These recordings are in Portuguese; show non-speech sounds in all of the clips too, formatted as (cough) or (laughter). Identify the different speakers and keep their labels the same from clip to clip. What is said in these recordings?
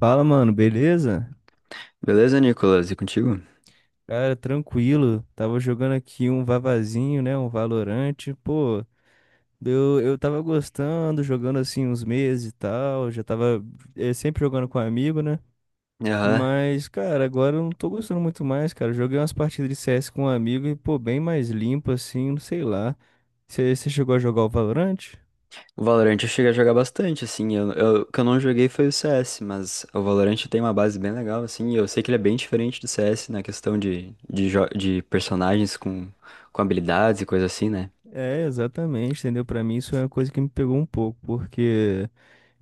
Speaker 1: Fala, mano, beleza?
Speaker 2: Beleza, Nicolas? E contigo?
Speaker 1: Cara, tranquilo. Tava jogando aqui um Vavazinho, né? Um Valorante. Pô, eu tava gostando, jogando assim uns meses e tal. Já tava sempre jogando com amigo, né?
Speaker 2: Aham.
Speaker 1: Mas, cara, agora eu não tô gostando muito mais, cara. Joguei umas partidas de CS com um amigo e, pô, bem mais limpo assim, não sei lá. Você chegou a jogar o Valorante?
Speaker 2: O Valorant eu cheguei a jogar bastante, assim. O que eu não joguei foi o CS, mas o Valorant tem uma base bem legal, assim. E eu sei que ele é bem diferente do CS na questão de personagens com habilidades e coisa assim, né?
Speaker 1: É, exatamente, entendeu? Pra mim isso é uma coisa que me pegou um pouco, porque.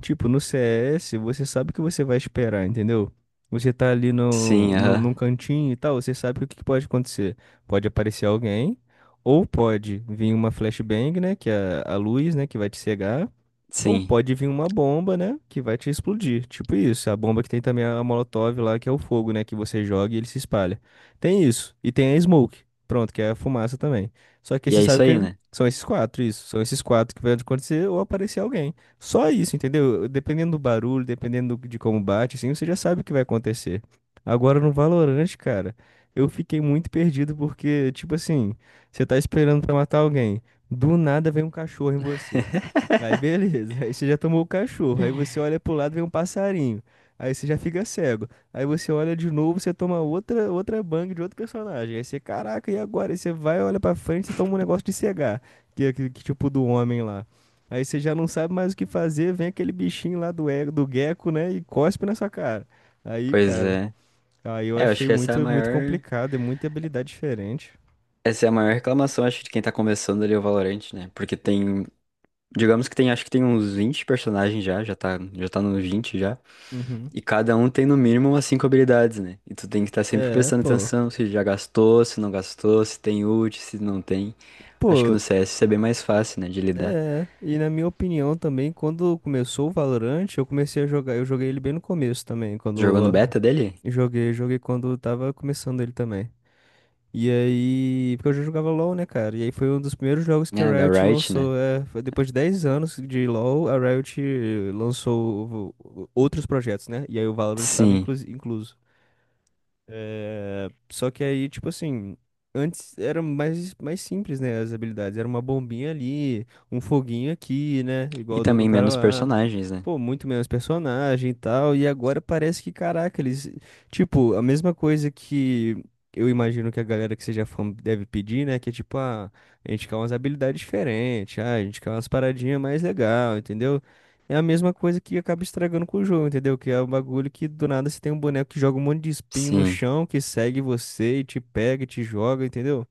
Speaker 1: Tipo, no CS, você sabe o que você vai esperar, entendeu? Você tá ali no,
Speaker 2: Sim,
Speaker 1: no,
Speaker 2: aham.
Speaker 1: num cantinho e tal, você sabe que o que que pode acontecer. Pode aparecer alguém, ou pode vir uma flashbang, né? Que é a luz, né? Que vai te cegar. Ou
Speaker 2: Sim.
Speaker 1: pode vir uma bomba, né? Que vai te explodir. Tipo isso. A bomba que tem também a Molotov lá, que é o fogo, né? Que você joga e ele se espalha. Tem isso. E tem a Smoke. Pronto, que é a fumaça também. Só que
Speaker 2: E
Speaker 1: você
Speaker 2: é
Speaker 1: sabe
Speaker 2: isso aí,
Speaker 1: que
Speaker 2: né?
Speaker 1: são esses quatro, isso. São esses quatro que vai acontecer ou aparecer alguém. Só isso, entendeu? Dependendo do barulho, dependendo de como bate, assim, você já sabe o que vai acontecer. Agora no Valorant, cara, eu fiquei muito perdido porque, tipo assim, você tá esperando pra matar alguém. Do nada vem um cachorro em você. Aí
Speaker 2: (laughs)
Speaker 1: beleza, aí você já tomou o cachorro, aí você olha pro lado e vem um passarinho, aí você já fica cego, aí você olha de novo, você toma outra bang de outro personagem, aí você, caraca, e agora? Aí você vai, olha pra frente e toma um negócio de cegar, que tipo do homem lá. Aí você já não sabe mais o que fazer, vem aquele bichinho lá do gecko, né, e cospe na sua cara. Aí,
Speaker 2: Pois
Speaker 1: cara,
Speaker 2: é.
Speaker 1: aí eu
Speaker 2: É, eu acho
Speaker 1: achei
Speaker 2: que essa é a
Speaker 1: muito
Speaker 2: maior,
Speaker 1: complicado, é muita habilidade diferente.
Speaker 2: essa é a maior reclamação, acho, de quem tá começando ali o Valorant, né? Porque tem, digamos que tem, acho que tem uns 20 personagens já tá nos 20 já.
Speaker 1: Uhum.
Speaker 2: E cada um tem no mínimo umas cinco habilidades, né? E tu tem que estar sempre
Speaker 1: É,
Speaker 2: prestando
Speaker 1: pô.
Speaker 2: atenção se já gastou, se não gastou, se tem ult, se não tem. Acho que
Speaker 1: Pô,
Speaker 2: no CS isso é bem mais fácil, né, de lidar.
Speaker 1: é, e na minha opinião também, quando começou o Valorant, eu comecei a jogar, eu joguei ele bem no começo também,
Speaker 2: Jogou no
Speaker 1: quando
Speaker 2: beta dele?
Speaker 1: ah, joguei quando tava começando ele também. E aí, porque eu já jogava LoL, né, cara? E aí foi um dos primeiros jogos que a
Speaker 2: É, da
Speaker 1: Riot
Speaker 2: Riot, né?
Speaker 1: lançou, é, foi depois de 10 anos de LoL, a Riot lançou outros projetos, né? E aí o Valorant estava
Speaker 2: Sim.
Speaker 1: incluso. É, só que aí, tipo assim, antes era mais simples, né? As habilidades. Era uma bombinha ali, um foguinho aqui, né?
Speaker 2: E
Speaker 1: Igual do
Speaker 2: também
Speaker 1: cara
Speaker 2: menos
Speaker 1: lá.
Speaker 2: personagens, né?
Speaker 1: Pô, muito menos personagem e tal. E agora parece que, caraca, eles. Tipo, a mesma coisa que eu imagino que a galera que seja fã deve pedir, né? Que é tipo, ah, a gente quer umas habilidades diferentes, ah, a gente quer umas paradinhas mais legal, entendeu? É a mesma coisa que acaba estragando com o jogo, entendeu? Que é um bagulho que do nada você tem um boneco que joga um monte de espinho no
Speaker 2: Sim.
Speaker 1: chão, que segue você e te pega e te joga, entendeu?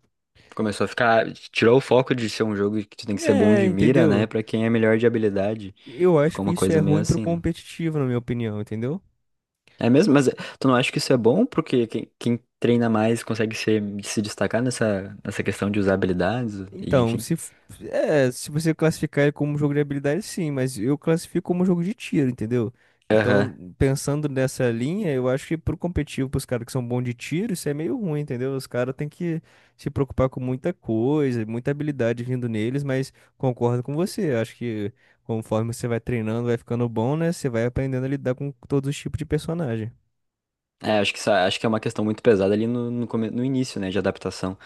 Speaker 2: Começou a ficar. Tirou o foco de ser um jogo que tu tem que ser bom
Speaker 1: É,
Speaker 2: de mira, né?
Speaker 1: entendeu?
Speaker 2: Pra quem é melhor de habilidade.
Speaker 1: Eu acho
Speaker 2: Ficou
Speaker 1: que
Speaker 2: uma
Speaker 1: isso é
Speaker 2: coisa meio
Speaker 1: ruim pro
Speaker 2: assim, né?
Speaker 1: competitivo, na minha opinião, entendeu?
Speaker 2: É mesmo? Mas tu não acha que isso é bom? Porque quem treina mais consegue se destacar nessa questão de usar habilidades e
Speaker 1: Então,
Speaker 2: enfim.
Speaker 1: se, f- é, se você classificar ele como jogo de habilidade, sim, mas eu classifico como jogo de tiro, entendeu?
Speaker 2: Aham.
Speaker 1: Então, pensando nessa linha, eu acho que pro competitivo, pros caras que são bons de tiro, isso é meio ruim, entendeu? Os caras têm que se preocupar com muita coisa, muita habilidade vindo neles, mas concordo com você. Eu Acho que conforme você vai treinando, vai ficando bom, né? Você vai aprendendo a lidar com todos os tipos de personagem.
Speaker 2: É, acho que é uma questão muito pesada ali no início, né, de adaptação.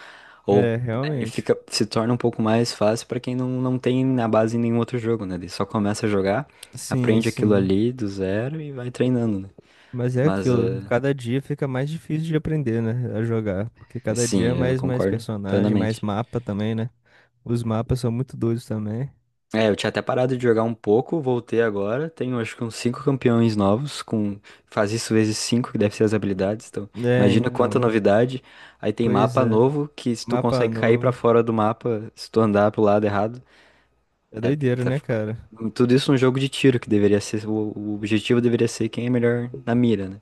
Speaker 2: Ou
Speaker 1: É,
Speaker 2: é, e
Speaker 1: realmente.
Speaker 2: fica, se torna um pouco mais fácil pra quem não tem na base em nenhum outro jogo, né? Ele só começa a jogar,
Speaker 1: Sim,
Speaker 2: aprende aquilo
Speaker 1: sim.
Speaker 2: ali do zero e vai treinando, né?
Speaker 1: Mas é
Speaker 2: Mas,
Speaker 1: aquilo, que cada dia fica mais difícil de aprender, né, a jogar, porque cada dia é
Speaker 2: sim, eu
Speaker 1: mais
Speaker 2: concordo
Speaker 1: personagem, mais
Speaker 2: plenamente.
Speaker 1: mapa também, né? Os mapas são muito doidos também.
Speaker 2: É, eu tinha até parado de jogar um pouco, voltei agora. Tenho acho que uns cinco campeões novos, com faz isso vezes cinco que deve ser as habilidades. Então,
Speaker 1: É,
Speaker 2: imagina quanta
Speaker 1: então.
Speaker 2: novidade. Aí tem
Speaker 1: Pois
Speaker 2: mapa
Speaker 1: é.
Speaker 2: novo que se tu
Speaker 1: Mapa
Speaker 2: consegue cair pra
Speaker 1: novo.
Speaker 2: fora do mapa, se tu andar pro lado errado,
Speaker 1: É
Speaker 2: é,
Speaker 1: doideira,
Speaker 2: tá
Speaker 1: né,
Speaker 2: fic-
Speaker 1: cara?
Speaker 2: tudo isso um jogo de tiro que deveria ser o objetivo deveria ser quem é melhor na mira, né?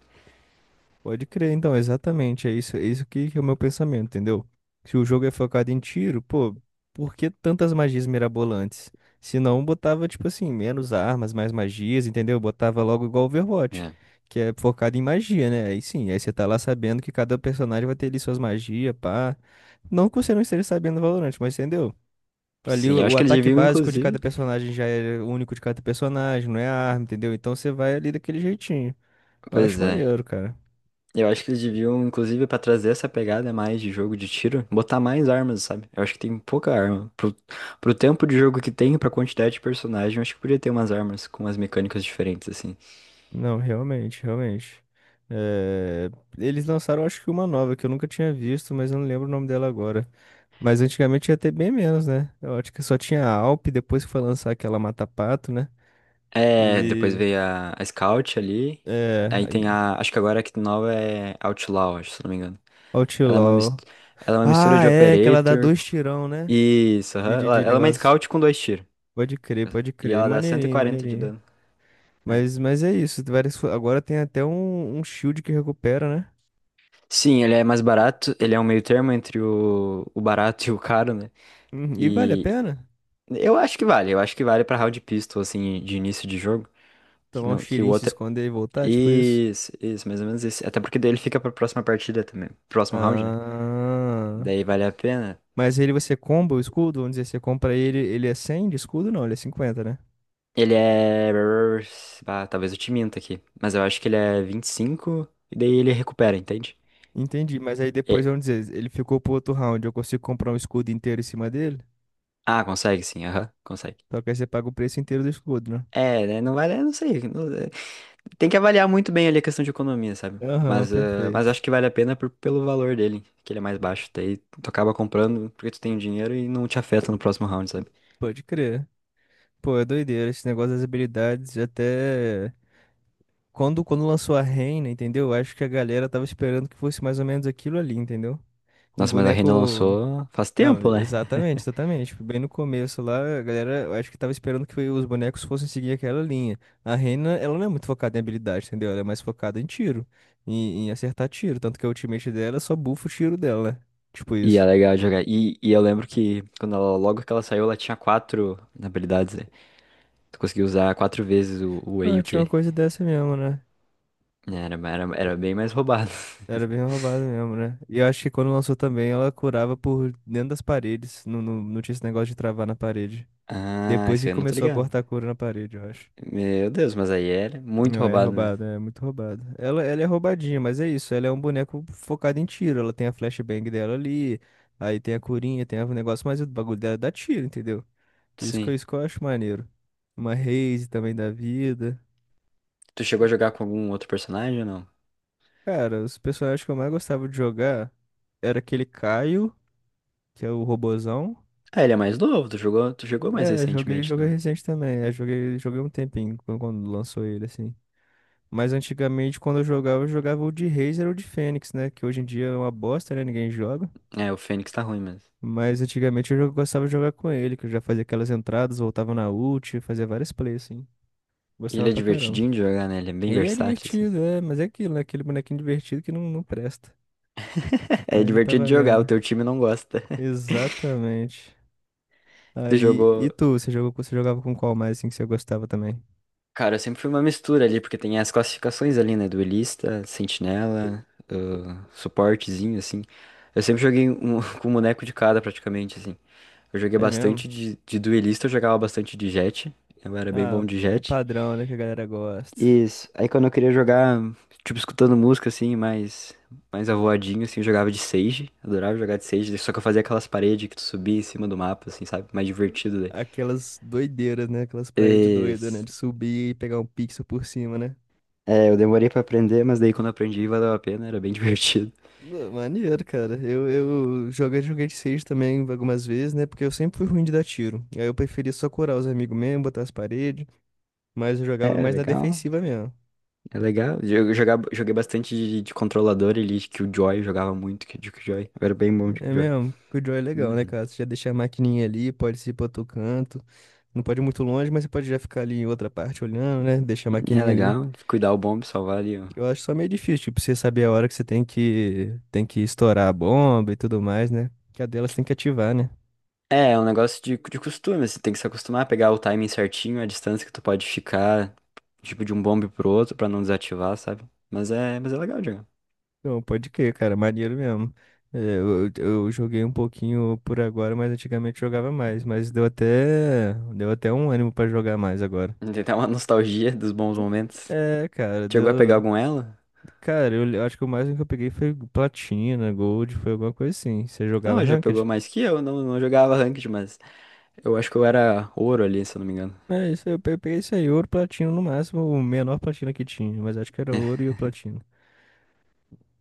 Speaker 1: Pode crer, então, exatamente. É isso que é o meu pensamento, entendeu? Se o jogo é focado em tiro, pô, por que tantas magias mirabolantes? Se não, botava, tipo assim, menos armas, mais magias, entendeu? Botava logo igual Overwatch,
Speaker 2: É.
Speaker 1: que é focado em magia, né? Aí sim, aí você tá lá sabendo que cada personagem vai ter ali suas magias, pá. Não que você não esteja sabendo do Valorant, mas entendeu? Ali
Speaker 2: Sim, eu acho
Speaker 1: o
Speaker 2: que eles
Speaker 1: ataque
Speaker 2: deviam
Speaker 1: básico de
Speaker 2: inclusive.
Speaker 1: cada personagem já é único de cada personagem, não é a arma, entendeu? Então você vai ali daquele jeitinho. Eu
Speaker 2: Pois
Speaker 1: acho
Speaker 2: é.
Speaker 1: maneiro, cara.
Speaker 2: Eu acho que eles deviam, inclusive, pra trazer essa pegada mais de jogo de tiro, botar mais armas, sabe? Eu acho que tem pouca arma. Pro tempo de jogo que tem, pra quantidade de personagem, eu acho que podia ter umas armas com umas mecânicas diferentes, assim.
Speaker 1: Não, realmente. É, eles lançaram, acho que uma nova que eu nunca tinha visto, mas eu não lembro o nome dela agora. Mas antigamente ia ter bem menos, né? Eu acho que só tinha a Alp, depois que foi lançar aquela Mata Pato, né?
Speaker 2: É, depois
Speaker 1: E.
Speaker 2: veio a Scout ali.
Speaker 1: É.
Speaker 2: Aí tem
Speaker 1: Aí,
Speaker 2: a. Acho que agora a que nova é Outlaw, acho, se não me engano. Ela é uma, mis-
Speaker 1: Outlaw.
Speaker 2: ela é uma mistura
Speaker 1: Ah,
Speaker 2: de
Speaker 1: é, que ela dá
Speaker 2: Operator.
Speaker 1: dois tirão, né?
Speaker 2: Isso, aham. Ela,
Speaker 1: De
Speaker 2: ela é uma
Speaker 1: negócio.
Speaker 2: Scout com dois tiros.
Speaker 1: Pode
Speaker 2: E
Speaker 1: crer.
Speaker 2: ela dá cento e quarenta de
Speaker 1: Maneirinho.
Speaker 2: dano, né?
Speaker 1: Mas é isso. Agora tem até um shield que recupera, né?
Speaker 2: Sim, ele é mais barato, ele é um meio termo entre o barato (laughs) e o caro, né?
Speaker 1: Uhum, e vale a
Speaker 2: E
Speaker 1: pena?
Speaker 2: eu acho que vale pra round pistol, assim, de início de jogo, que,
Speaker 1: Tomar um
Speaker 2: não, que o
Speaker 1: tirinho, se
Speaker 2: outro.
Speaker 1: esconder e
Speaker 2: É,
Speaker 1: voltar, tipo isso?
Speaker 2: isso, mais ou menos isso. Até porque daí ele fica pra próxima partida também, próximo round, né?
Speaker 1: Ah.
Speaker 2: Daí vale a pena.
Speaker 1: Mas ele você comba o escudo? Vamos dizer, você compra ele, ele é 100 de escudo? Não, ele é 50, né?
Speaker 2: Ele é. Ah, talvez eu te minta aqui, mas eu acho que ele é 25 e cinco e daí ele recupera, entende?
Speaker 1: Entendi, mas aí depois,
Speaker 2: E-
Speaker 1: vamos dizer, ele ficou pro outro round, eu consigo comprar um escudo inteiro em cima dele?
Speaker 2: Ah, consegue sim, aham, consegue.
Speaker 1: Só que aí você paga o preço inteiro do escudo, né?
Speaker 2: É, né, não vale, eu não sei. Tem que avaliar muito bem ali a questão de economia, sabe?
Speaker 1: Aham,
Speaker 2: Mas
Speaker 1: perfeito.
Speaker 2: acho que vale a pena pelo valor dele, que ele é mais baixo. Daí tu acaba comprando porque tu tem o dinheiro e não te afeta no próximo round, sabe?
Speaker 1: Pode crer. Pô, é doideira esse negócio das habilidades. Até quando lançou a Reina, entendeu? Eu Acho que a galera tava esperando que fosse mais ou menos aquilo ali, entendeu? Um
Speaker 2: Nossa, mas a Reyna
Speaker 1: boneco.
Speaker 2: lançou faz
Speaker 1: Não,
Speaker 2: tempo, né?
Speaker 1: exatamente, exatamente. Tipo, bem no começo lá, a galera, eu acho que tava esperando que os bonecos fossem seguir aquela linha. A Reina, ela não é muito focada em habilidade, entendeu? Ela é mais focada em tiro, em acertar tiro. Tanto que a ultimate dela só bufa o tiro dela, né? Tipo
Speaker 2: E é
Speaker 1: isso.
Speaker 2: legal jogar. E eu lembro que logo que ela saiu, ela tinha quatro habilidades, né? Tu conseguia usar quatro vezes o E e
Speaker 1: Ah,
Speaker 2: o
Speaker 1: tinha
Speaker 2: Q.
Speaker 1: uma coisa dessa mesmo, né?
Speaker 2: Era bem mais roubado.
Speaker 1: Era bem
Speaker 2: (laughs)
Speaker 1: roubado mesmo, né? E eu acho que quando lançou também, ela curava por dentro das paredes. Não tinha esse negócio de travar na parede.
Speaker 2: Ah,
Speaker 1: Depois
Speaker 2: isso
Speaker 1: que
Speaker 2: aí eu não tô
Speaker 1: começou a
Speaker 2: ligado.
Speaker 1: cortar a cura na parede, eu acho.
Speaker 2: Meu Deus, mas aí era muito
Speaker 1: Não, é
Speaker 2: roubado mesmo.
Speaker 1: roubada, é muito roubada. Ela é roubadinha, mas é isso. Ela é um boneco focado em tiro. Ela tem a flashbang dela ali, aí tem a curinha, tem o negócio, mas o bagulho dela dá tiro, entendeu? Isso que,
Speaker 2: Sim.
Speaker 1: isso que eu acho maneiro. Uma Raze também da vida.
Speaker 2: Tu chegou a jogar com algum outro personagem ou não?
Speaker 1: Cara, os personagens que eu mais gostava de jogar era aquele Caio, que é o robozão.
Speaker 2: Ah, ele é mais novo, tu jogou mais
Speaker 1: É,
Speaker 2: recentemente,
Speaker 1: joguei
Speaker 2: não?
Speaker 1: recente também. É, joguei um tempinho quando lançou ele, assim. Mas antigamente, quando eu jogava o de Razer ou de Fênix, né? Que hoje em dia é uma bosta, né? Ninguém joga.
Speaker 2: É, o Fênix tá ruim mas.
Speaker 1: Mas antigamente eu já gostava de jogar com ele, que eu já fazia aquelas entradas, voltava na ult, fazia várias plays, assim.
Speaker 2: E ele
Speaker 1: Gostava
Speaker 2: é
Speaker 1: pra caramba.
Speaker 2: divertidinho de jogar, né? Ele é bem
Speaker 1: Ele é
Speaker 2: versátil, assim.
Speaker 1: divertido, é, mas é aquilo, né? Aquele bonequinho divertido que não presta.
Speaker 2: (laughs) É
Speaker 1: Mas não tá
Speaker 2: divertido de jogar, o
Speaker 1: valendo.
Speaker 2: teu time não gosta. (laughs)
Speaker 1: Exatamente.
Speaker 2: Tu
Speaker 1: Aí,
Speaker 2: jogou.
Speaker 1: e tu, você jogou, você jogava com qual mais, assim, que você gostava também?
Speaker 2: Cara, eu sempre fui uma mistura ali, porque tem as classificações ali, né? Duelista, sentinela, ah, suportezinho, assim. Eu sempre joguei um, (laughs) com um boneco de cada, praticamente, assim. Eu joguei
Speaker 1: É mesmo?
Speaker 2: bastante de duelista, eu jogava bastante de jet. Eu era bem
Speaker 1: Ah,
Speaker 2: bom de
Speaker 1: o
Speaker 2: jet.
Speaker 1: padrão, né, que a galera gosta.
Speaker 2: Isso. Aí quando eu queria jogar, tipo, escutando música, assim, mais avoadinho, assim, eu jogava de Sage. Adorava jogar de Sage, só que eu fazia aquelas paredes que tu subia em cima do mapa, assim, sabe? Mais divertido daí.
Speaker 1: Aquelas doideiras, né? Aquelas paredes doidas, né?
Speaker 2: Isso.
Speaker 1: De subir e pegar um pixel por cima, né?
Speaker 2: É, eu demorei pra aprender, mas daí quando eu aprendi valeu a pena, era bem (laughs) divertido.
Speaker 1: Maneiro, cara. Eu joguei, joguei de Sage também algumas vezes, né? Porque eu sempre fui ruim de dar tiro. Aí eu preferia só curar os amigos mesmo, botar as paredes. Mas eu jogava
Speaker 2: É,
Speaker 1: mais na
Speaker 2: legal.
Speaker 1: defensiva mesmo.
Speaker 2: É legal. Joguei bastante de controlador ali, de Killjoy, jogava muito de Killjoy. Eu era bem bom de
Speaker 1: É
Speaker 2: Killjoy.
Speaker 1: mesmo, que o Joy é legal, né,
Speaker 2: Uhum.
Speaker 1: cara? Você já deixa a maquininha ali, pode ir pra outro canto. Não pode ir muito longe, mas você pode já ficar ali em outra parte olhando, né? Deixa a
Speaker 2: É
Speaker 1: maquininha ali.
Speaker 2: legal, cuidar o bomb, salvar ali. Ó,
Speaker 1: Eu acho só meio difícil, tipo, você saber a hora que você tem que estourar a bomba e tudo mais, né? Que a delas tem que ativar, né?
Speaker 2: é um negócio de costume, você tem que se acostumar a pegar o timing certinho, a distância que tu pode ficar, tipo, de um bombe pro outro pra não desativar, sabe? Mas é legal, Diego.
Speaker 1: Não, pode crer, cara, maneiro mesmo. É, eu joguei um pouquinho por agora, mas antigamente jogava mais, mas deu deu até um ânimo pra jogar mais agora.
Speaker 2: Tem até uma (laughs) nostalgia dos bons momentos.
Speaker 1: É, cara,
Speaker 2: Chegou a pegar
Speaker 1: deu.
Speaker 2: algum elo?
Speaker 1: Cara, eu acho que o máximo que eu peguei foi platina, gold, foi alguma coisa assim. Você jogava
Speaker 2: Não, já pegou
Speaker 1: ranked?
Speaker 2: mais que eu, não jogava ranked, mas eu acho que eu era ouro ali, se eu não me engano.
Speaker 1: É, isso aí, eu peguei isso aí, ouro, platino no máximo, o menor platina que tinha, mas acho que era ouro e
Speaker 2: (laughs)
Speaker 1: o platino.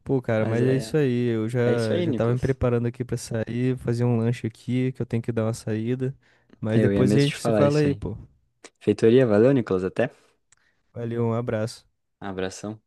Speaker 1: Pô, cara,
Speaker 2: Mas
Speaker 1: mas é isso
Speaker 2: é,
Speaker 1: aí. Eu já,
Speaker 2: é isso aí,
Speaker 1: já tava me
Speaker 2: Nicolas.
Speaker 1: preparando aqui pra sair, fazer um lanche aqui, que eu tenho que dar uma saída. Mas
Speaker 2: Eu ia
Speaker 1: depois a
Speaker 2: mesmo te
Speaker 1: gente se
Speaker 2: falar
Speaker 1: fala
Speaker 2: isso
Speaker 1: aí,
Speaker 2: aí.
Speaker 1: pô.
Speaker 2: Feitoria, valeu, Nicolas, até.
Speaker 1: Valeu, um abraço.
Speaker 2: Abração.